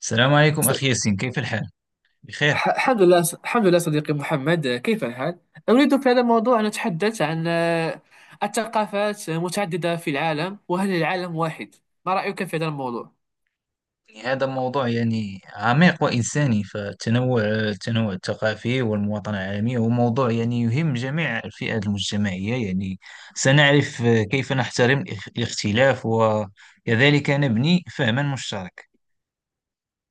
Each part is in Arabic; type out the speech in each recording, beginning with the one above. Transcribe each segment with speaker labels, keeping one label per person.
Speaker 1: السلام عليكم
Speaker 2: س-
Speaker 1: أخي ياسين، كيف الحال؟ بخير.
Speaker 2: الحمد لله. الحمد لله صديقي محمد، كيف الحال؟ أريد في هذا الموضوع أن أتحدث عن الثقافات متعددة في العالم، وهل العالم واحد؟ ما رأيك في هذا الموضوع؟
Speaker 1: يعني هذا موضوع يعني عميق وإنساني، فالتنوع الثقافي والمواطنة العالمية هو موضوع يعني يهم جميع الفئات المجتمعية، يعني سنعرف كيف نحترم الاختلاف، وكذلك نبني فهما مشترك.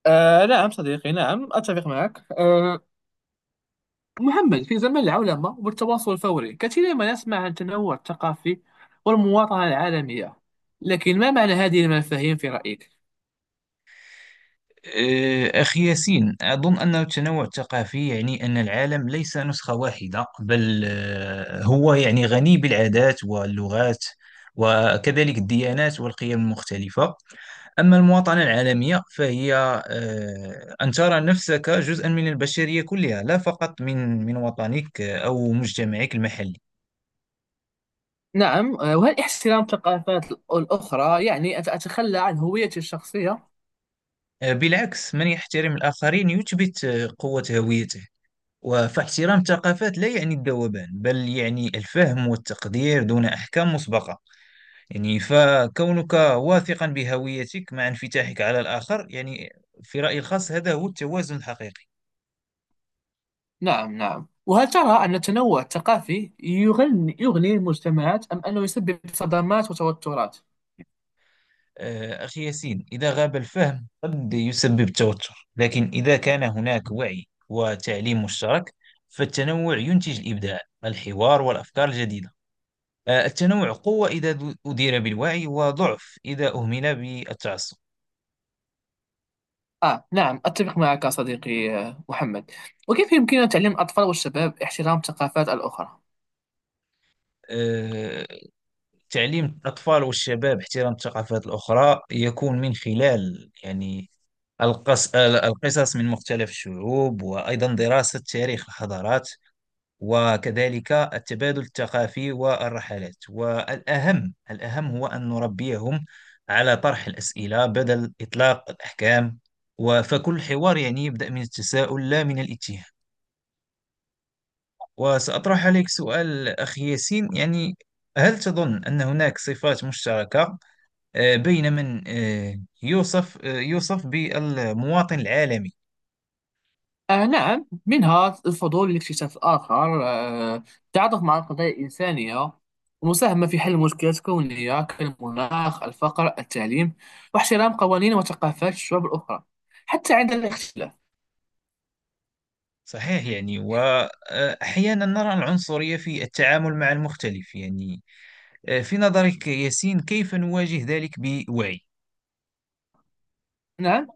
Speaker 2: آه، نعم صديقي، نعم أتفق معك. محمد، في زمن العولمة والتواصل الفوري كثيرا ما نسمع عن التنوع الثقافي والمواطنة العالمية، لكن ما معنى هذه المفاهيم في رأيك؟
Speaker 1: أخي ياسين، أظن أن التنوع الثقافي يعني أن العالم ليس نسخة واحدة، بل هو يعني غني بالعادات واللغات، وكذلك الديانات والقيم المختلفة. أما المواطنة العالمية فهي أن ترى نفسك جزءا من البشرية كلها، لا فقط من وطنك أو مجتمعك المحلي.
Speaker 2: نعم. وهل احترام الثقافات الأخرى يعني أن أتخلى عن هويتي الشخصية؟
Speaker 1: بالعكس، من يحترم الآخرين يثبت قوة هويته، وفاحترام الثقافات لا يعني الذوبان، بل يعني الفهم والتقدير دون أحكام مسبقة. يعني فكونك واثقا بهويتك مع انفتاحك على الآخر، يعني في رأيي الخاص هذا هو التوازن الحقيقي.
Speaker 2: نعم نعم، وهل ترى أن التنوع الثقافي يغني المجتمعات، أم أنه يسبب صدمات وتوترات؟
Speaker 1: أخي ياسين، إذا غاب الفهم قد يسبب توتر، لكن إذا كان هناك وعي وتعليم مشترك فالتنوع ينتج الإبداع، الحوار، والأفكار الجديدة. التنوع قوة إذا أدير بالوعي، وضعف إذا أهمل بالتعصب.
Speaker 2: آه، نعم أتفق معك صديقي محمد. وكيف يمكننا تعليم الأطفال والشباب احترام الثقافات الأخرى؟
Speaker 1: آه، تعليم الأطفال والشباب احترام الثقافات الأخرى يكون من خلال يعني القصص من مختلف الشعوب، وأيضا دراسة تاريخ الحضارات، وكذلك التبادل الثقافي والرحلات. والأهم هو أن نربيهم على طرح الأسئلة بدل إطلاق الأحكام، فكل حوار يعني يبدأ من التساؤل لا من الاتهام. وسأطرح عليك سؤال أخي ياسين، يعني هل تظن أن هناك صفات مشتركة بين من يوصف بالمواطن العالمي؟
Speaker 2: آه، نعم، منها الفضول لاكتشاف الآخر، آه، التعاطف مع القضايا الإنسانية، المساهمة في حل مشكلات كونية كالمناخ، الفقر، التعليم، واحترام قوانين وثقافات الشعوب الأخرى حتى عند الاختلاف.
Speaker 1: صحيح، يعني وأحيانا نرى العنصرية في التعامل مع المختلف، يعني في نظرك يا ياسين، كيف نواجه ذلك بوعي؟
Speaker 2: نعم.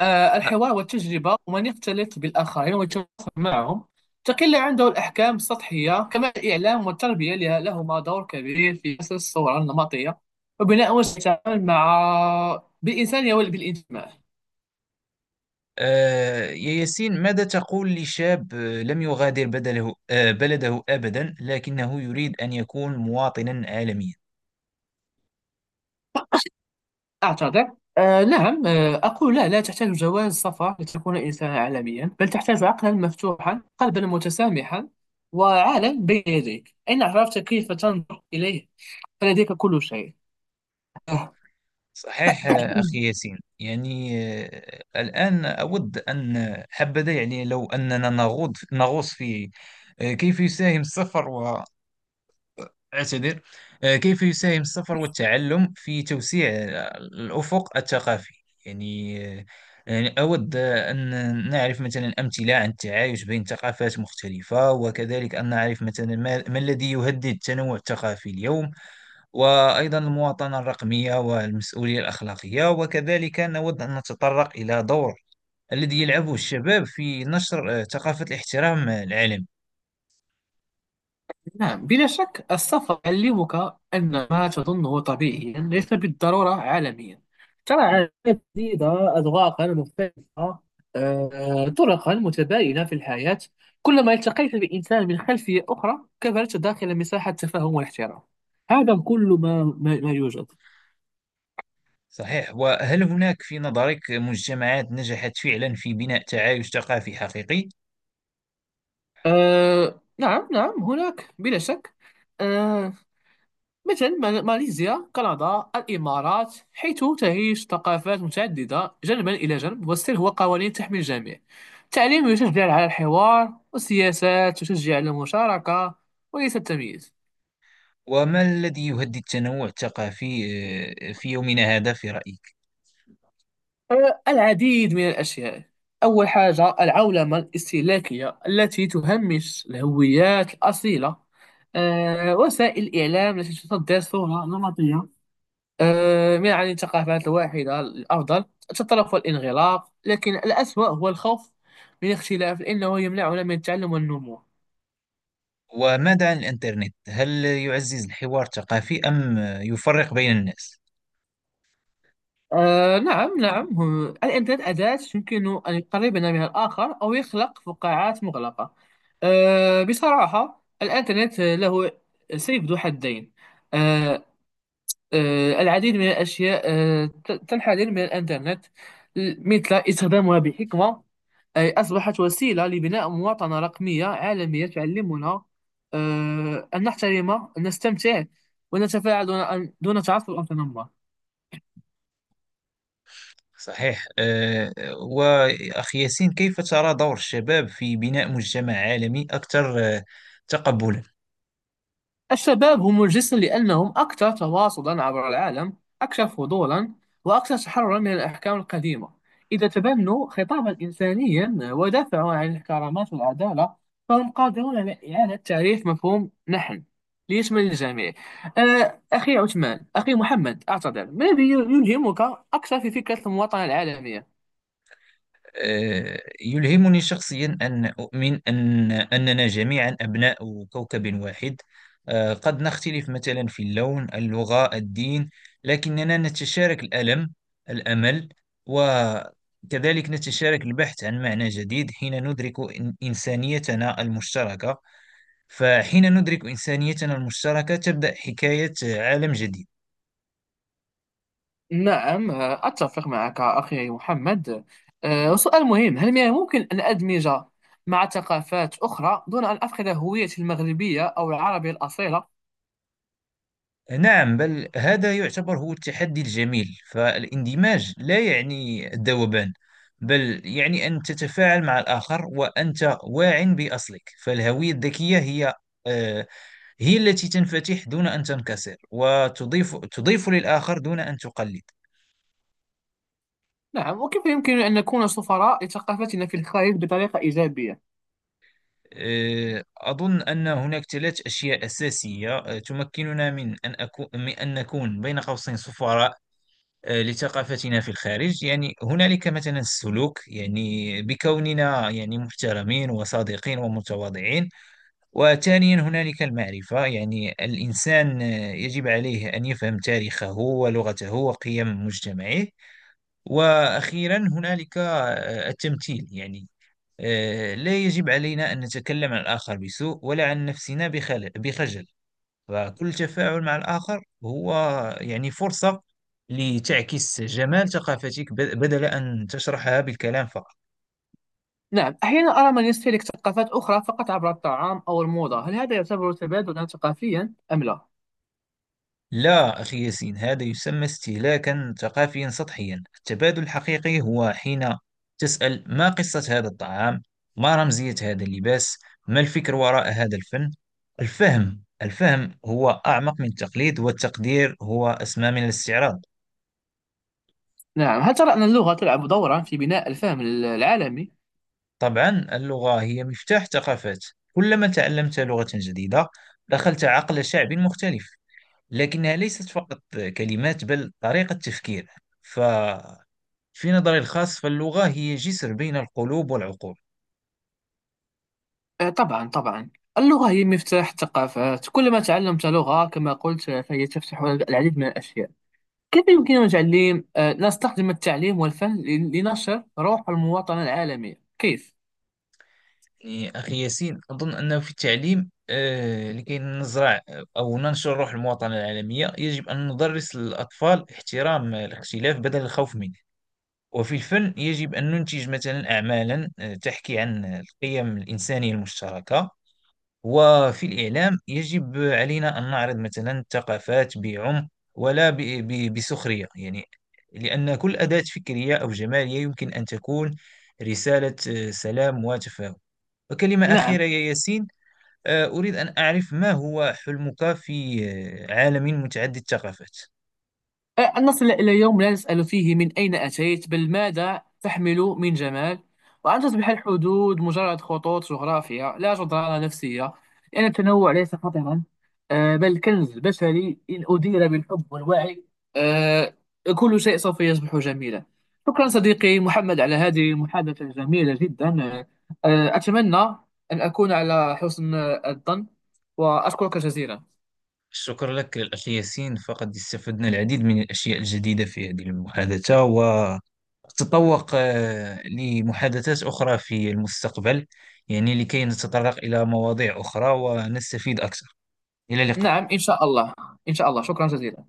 Speaker 2: الحوار والتجربة، ومن يختلط بالآخرين ويتواصل معهم تقل عنده الأحكام السطحية. كما الإعلام والتربية لهما دور كبير في كسر الصورة النمطية وبناء وسائل التعامل مع بالإنسانية وبالانتماء.
Speaker 1: يا ياسين، ماذا تقول لشاب لم يغادر بدله آه، بلده أبدا، لكنه يريد أن يكون مواطنا عالميا؟
Speaker 2: أعتذر. آه، نعم، آه، أقول لا، لا تحتاج جواز سفر لتكون إنسانا عالميا، بل تحتاج عقلا مفتوحا، قلبا متسامحا، وعالم بين يديك. إن عرفت كيف تنظر إليه فلديك كل شيء.
Speaker 1: صحيح أخي ياسين، يعني الآن أود أن، حبذا يعني لو أننا نغوص في آه، كيف يساهم السفر أعتذر كيف يساهم السفر والتعلم في توسيع الأفق الثقافي. يعني يعني أود أن نعرف مثلا أمثلة عن التعايش بين ثقافات مختلفة، وكذلك أن نعرف مثلا ما الذي يهدد التنوع الثقافي اليوم، وأيضا المواطنة الرقمية والمسؤولية الأخلاقية. وكذلك نود أن نتطرق إلى دور الذي يلعبه الشباب في نشر ثقافة الاحترام العالمي.
Speaker 2: نعم، بلا شك السفر يعلمك أن ما تظنه طبيعيا ليس بالضرورة عالميا. ترى عادات جديدة، أذواقا مختلفة، طرقا متباينة في الحياة. كلما التقيت بإنسان من خلفية أخرى كبرت داخل مساحة تفاهم واحترام. هذا كل ما يوجد.
Speaker 1: صحيح، وهل هناك في نظرك مجتمعات نجحت فعلا في بناء تعايش ثقافي حقيقي؟
Speaker 2: آه، نعم نعم، هناك بلا شك. آه، مثل ماليزيا، كندا، الإمارات، حيث تعيش ثقافات متعددة جانبا إلى جانب، والسر هو قوانين تحمي الجميع. التعليم يشجع على الحوار، والسياسات تشجع على المشاركة وليس التمييز.
Speaker 1: وما الذي يهدد التنوع الثقافي في يومنا هذا في رأيك؟
Speaker 2: أه، العديد من الأشياء. أول حاجة العولمة الاستهلاكية التي تهمش الهويات الأصيلة، أه، وسائل الإعلام التي تصدر صورة نمطية آه، من عن الثقافات الواحدة الأفضل تتطلب الانغلاق، لكن الأسوأ هو الخوف من الاختلاف، لأنه يمنعنا من التعلم والنمو.
Speaker 1: وماذا عن الإنترنت، هل يعزز الحوار الثقافي أم يفرق بين الناس؟
Speaker 2: آه، نعم نعم، الإنترنت أداة يمكن أن يقربنا من الآخر أو يخلق فقاعات مغلقة. آه، بصراحة الإنترنت له سيف ذو حدين. آه العديد من الأشياء تنحدر من الإنترنت، مثل استخدامها بحكمة، أي أصبحت وسيلة لبناء مواطنة رقمية عالمية تعلمنا، آه، أن نحترم، أن نستمتع، ونتفاعل دون تعصب أو تنمر.
Speaker 1: صحيح وأخي ياسين، كيف ترى دور الشباب في بناء مجتمع عالمي أكثر تقبلا؟
Speaker 2: الشباب هم الجسم، لأنهم أكثر تواصلا عبر العالم، أكثر فضولا، وأكثر تحررا من الأحكام القديمة. إذا تبنوا خطابا إنسانيا ودافعوا عن الكرامات والعدالة، فهم قادرون على إعادة تعريف مفهوم نحن ليشمل الجميع. آه، أخي عثمان، أخي محمد، أعتذر، ما الذي يلهمك أكثر في فكرة المواطنة العالمية؟
Speaker 1: يلهمني شخصيا أن أؤمن أننا جميعا أبناء كوكب واحد. قد نختلف مثلا في اللون، اللغة، الدين، لكننا نتشارك الألم، الأمل، وكذلك نتشارك البحث عن معنى جديد حين ندرك إنسانيتنا المشتركة. فحين ندرك إنسانيتنا المشتركة تبدأ حكاية عالم جديد.
Speaker 2: نعم أتفق معك أخي محمد. أه، سؤال مهم، هل من الممكن أن أدمج مع ثقافات أخرى دون أن أفقد هويتي المغربية أو العربية الأصيلة؟
Speaker 1: نعم، بل هذا يعتبر هو التحدي الجميل، فالاندماج لا يعني الذوبان، بل يعني أن تتفاعل مع الآخر وأنت واع بأصلك. فالهوية الذكية هي آه، هي التي تنفتح دون أن تنكسر، وتضيف للآخر دون أن تقلد.
Speaker 2: نعم، وكيف يمكن أن نكون سفراء لثقافتنا في الخارج بطريقة إيجابية؟
Speaker 1: أظن أن هناك ثلاث أشياء أساسية تمكننا من أن أكون من أن نكون بين قوسين سفراء لثقافتنا في الخارج. يعني هنالك مثلا السلوك، يعني بكوننا يعني محترمين وصادقين ومتواضعين. وثانيا هنالك المعرفة، يعني الإنسان يجب عليه أن يفهم تاريخه ولغته وقيم مجتمعه. وأخيرا هنالك التمثيل، يعني لا يجب علينا أن نتكلم عن الآخر بسوء، ولا عن نفسنا بخجل. فكل تفاعل مع الآخر هو يعني فرصة لتعكس جمال ثقافتك، بدل أن تشرحها بالكلام فقط.
Speaker 2: نعم، أحيانا أرى من يستهلك ثقافات أخرى فقط عبر الطعام أو الموضة، هل هذا يعتبر تبادلا ثقافيا أم لا؟
Speaker 1: لا أخي ياسين، هذا يسمى استهلاكا ثقافيا سطحيا. التبادل الحقيقي هو حين تسأل: ما قصة هذا الطعام؟ ما رمزية هذا اللباس؟ ما الفكر وراء هذا الفن؟ الفهم هو أعمق من التقليد، والتقدير هو أسمى من الاستعراض.
Speaker 2: نعم، هل ترى أن اللغة تلعب دورا في بناء الفهم العالمي؟
Speaker 1: طبعا، اللغة هي مفتاح ثقافات. كلما تعلمت لغة جديدة دخلت عقل شعب مختلف، لكنها ليست فقط كلمات، بل طريقة تفكير. ففي نظري الخاص، فاللغة هي جسر بين القلوب والعقول.
Speaker 2: آه، طبعا طبعا، اللغة هي مفتاح الثقافات، كلما تعلمت لغة كما قلت، فهي تفتح العديد من الأشياء. كيف يمكننا تعليم آه، نستخدم التعليم والفن لنشر روح المواطنة العالمية، كيف؟
Speaker 1: يعني أخي ياسين، أظن أنه في التعليم لكي نزرع أو ننشر روح المواطنة العالمية يجب أن ندرس الأطفال احترام الاختلاف بدل الخوف منه. وفي الفن، يجب أن ننتج مثلا أعمالا تحكي عن القيم الإنسانية المشتركة. وفي الإعلام، يجب علينا أن نعرض مثلا الثقافات بعمق، ولا بسخرية، يعني لأن كل أداة فكرية أو جمالية يمكن أن تكون رسالة سلام وتفاهم. وكلمة
Speaker 2: نعم،
Speaker 1: أخيرة يا ياسين، أريد أن أعرف ما هو حلمك في عالم متعدد الثقافات.
Speaker 2: أن نصل إلى يوم لا نسأل فيه من أين أتيت، بل ماذا تحمل من جمال، وأن تصبح الحدود مجرد خطوط جغرافية لا جدران نفسية، لأن التنوع ليس خطرا، آه، بل كنز بشري إن أدير بالحب والوعي. آه، كل شيء سوف يصبح جميلا. شكرا صديقي محمد على هذه المحادثة الجميلة جدا. أتمنى أن أكون على حسن الظن، وأشكرك جزيلا.
Speaker 1: شكرا لك الأخ ياسين، فقد استفدنا العديد من الأشياء الجديدة في هذه المحادثة، وتطوق لمحادثات أخرى في المستقبل، يعني لكي نتطرق إلى مواضيع أخرى ونستفيد أكثر. إلى اللقاء.
Speaker 2: نعم إن شاء الله، إن شاء الله، شكرا جزيلا.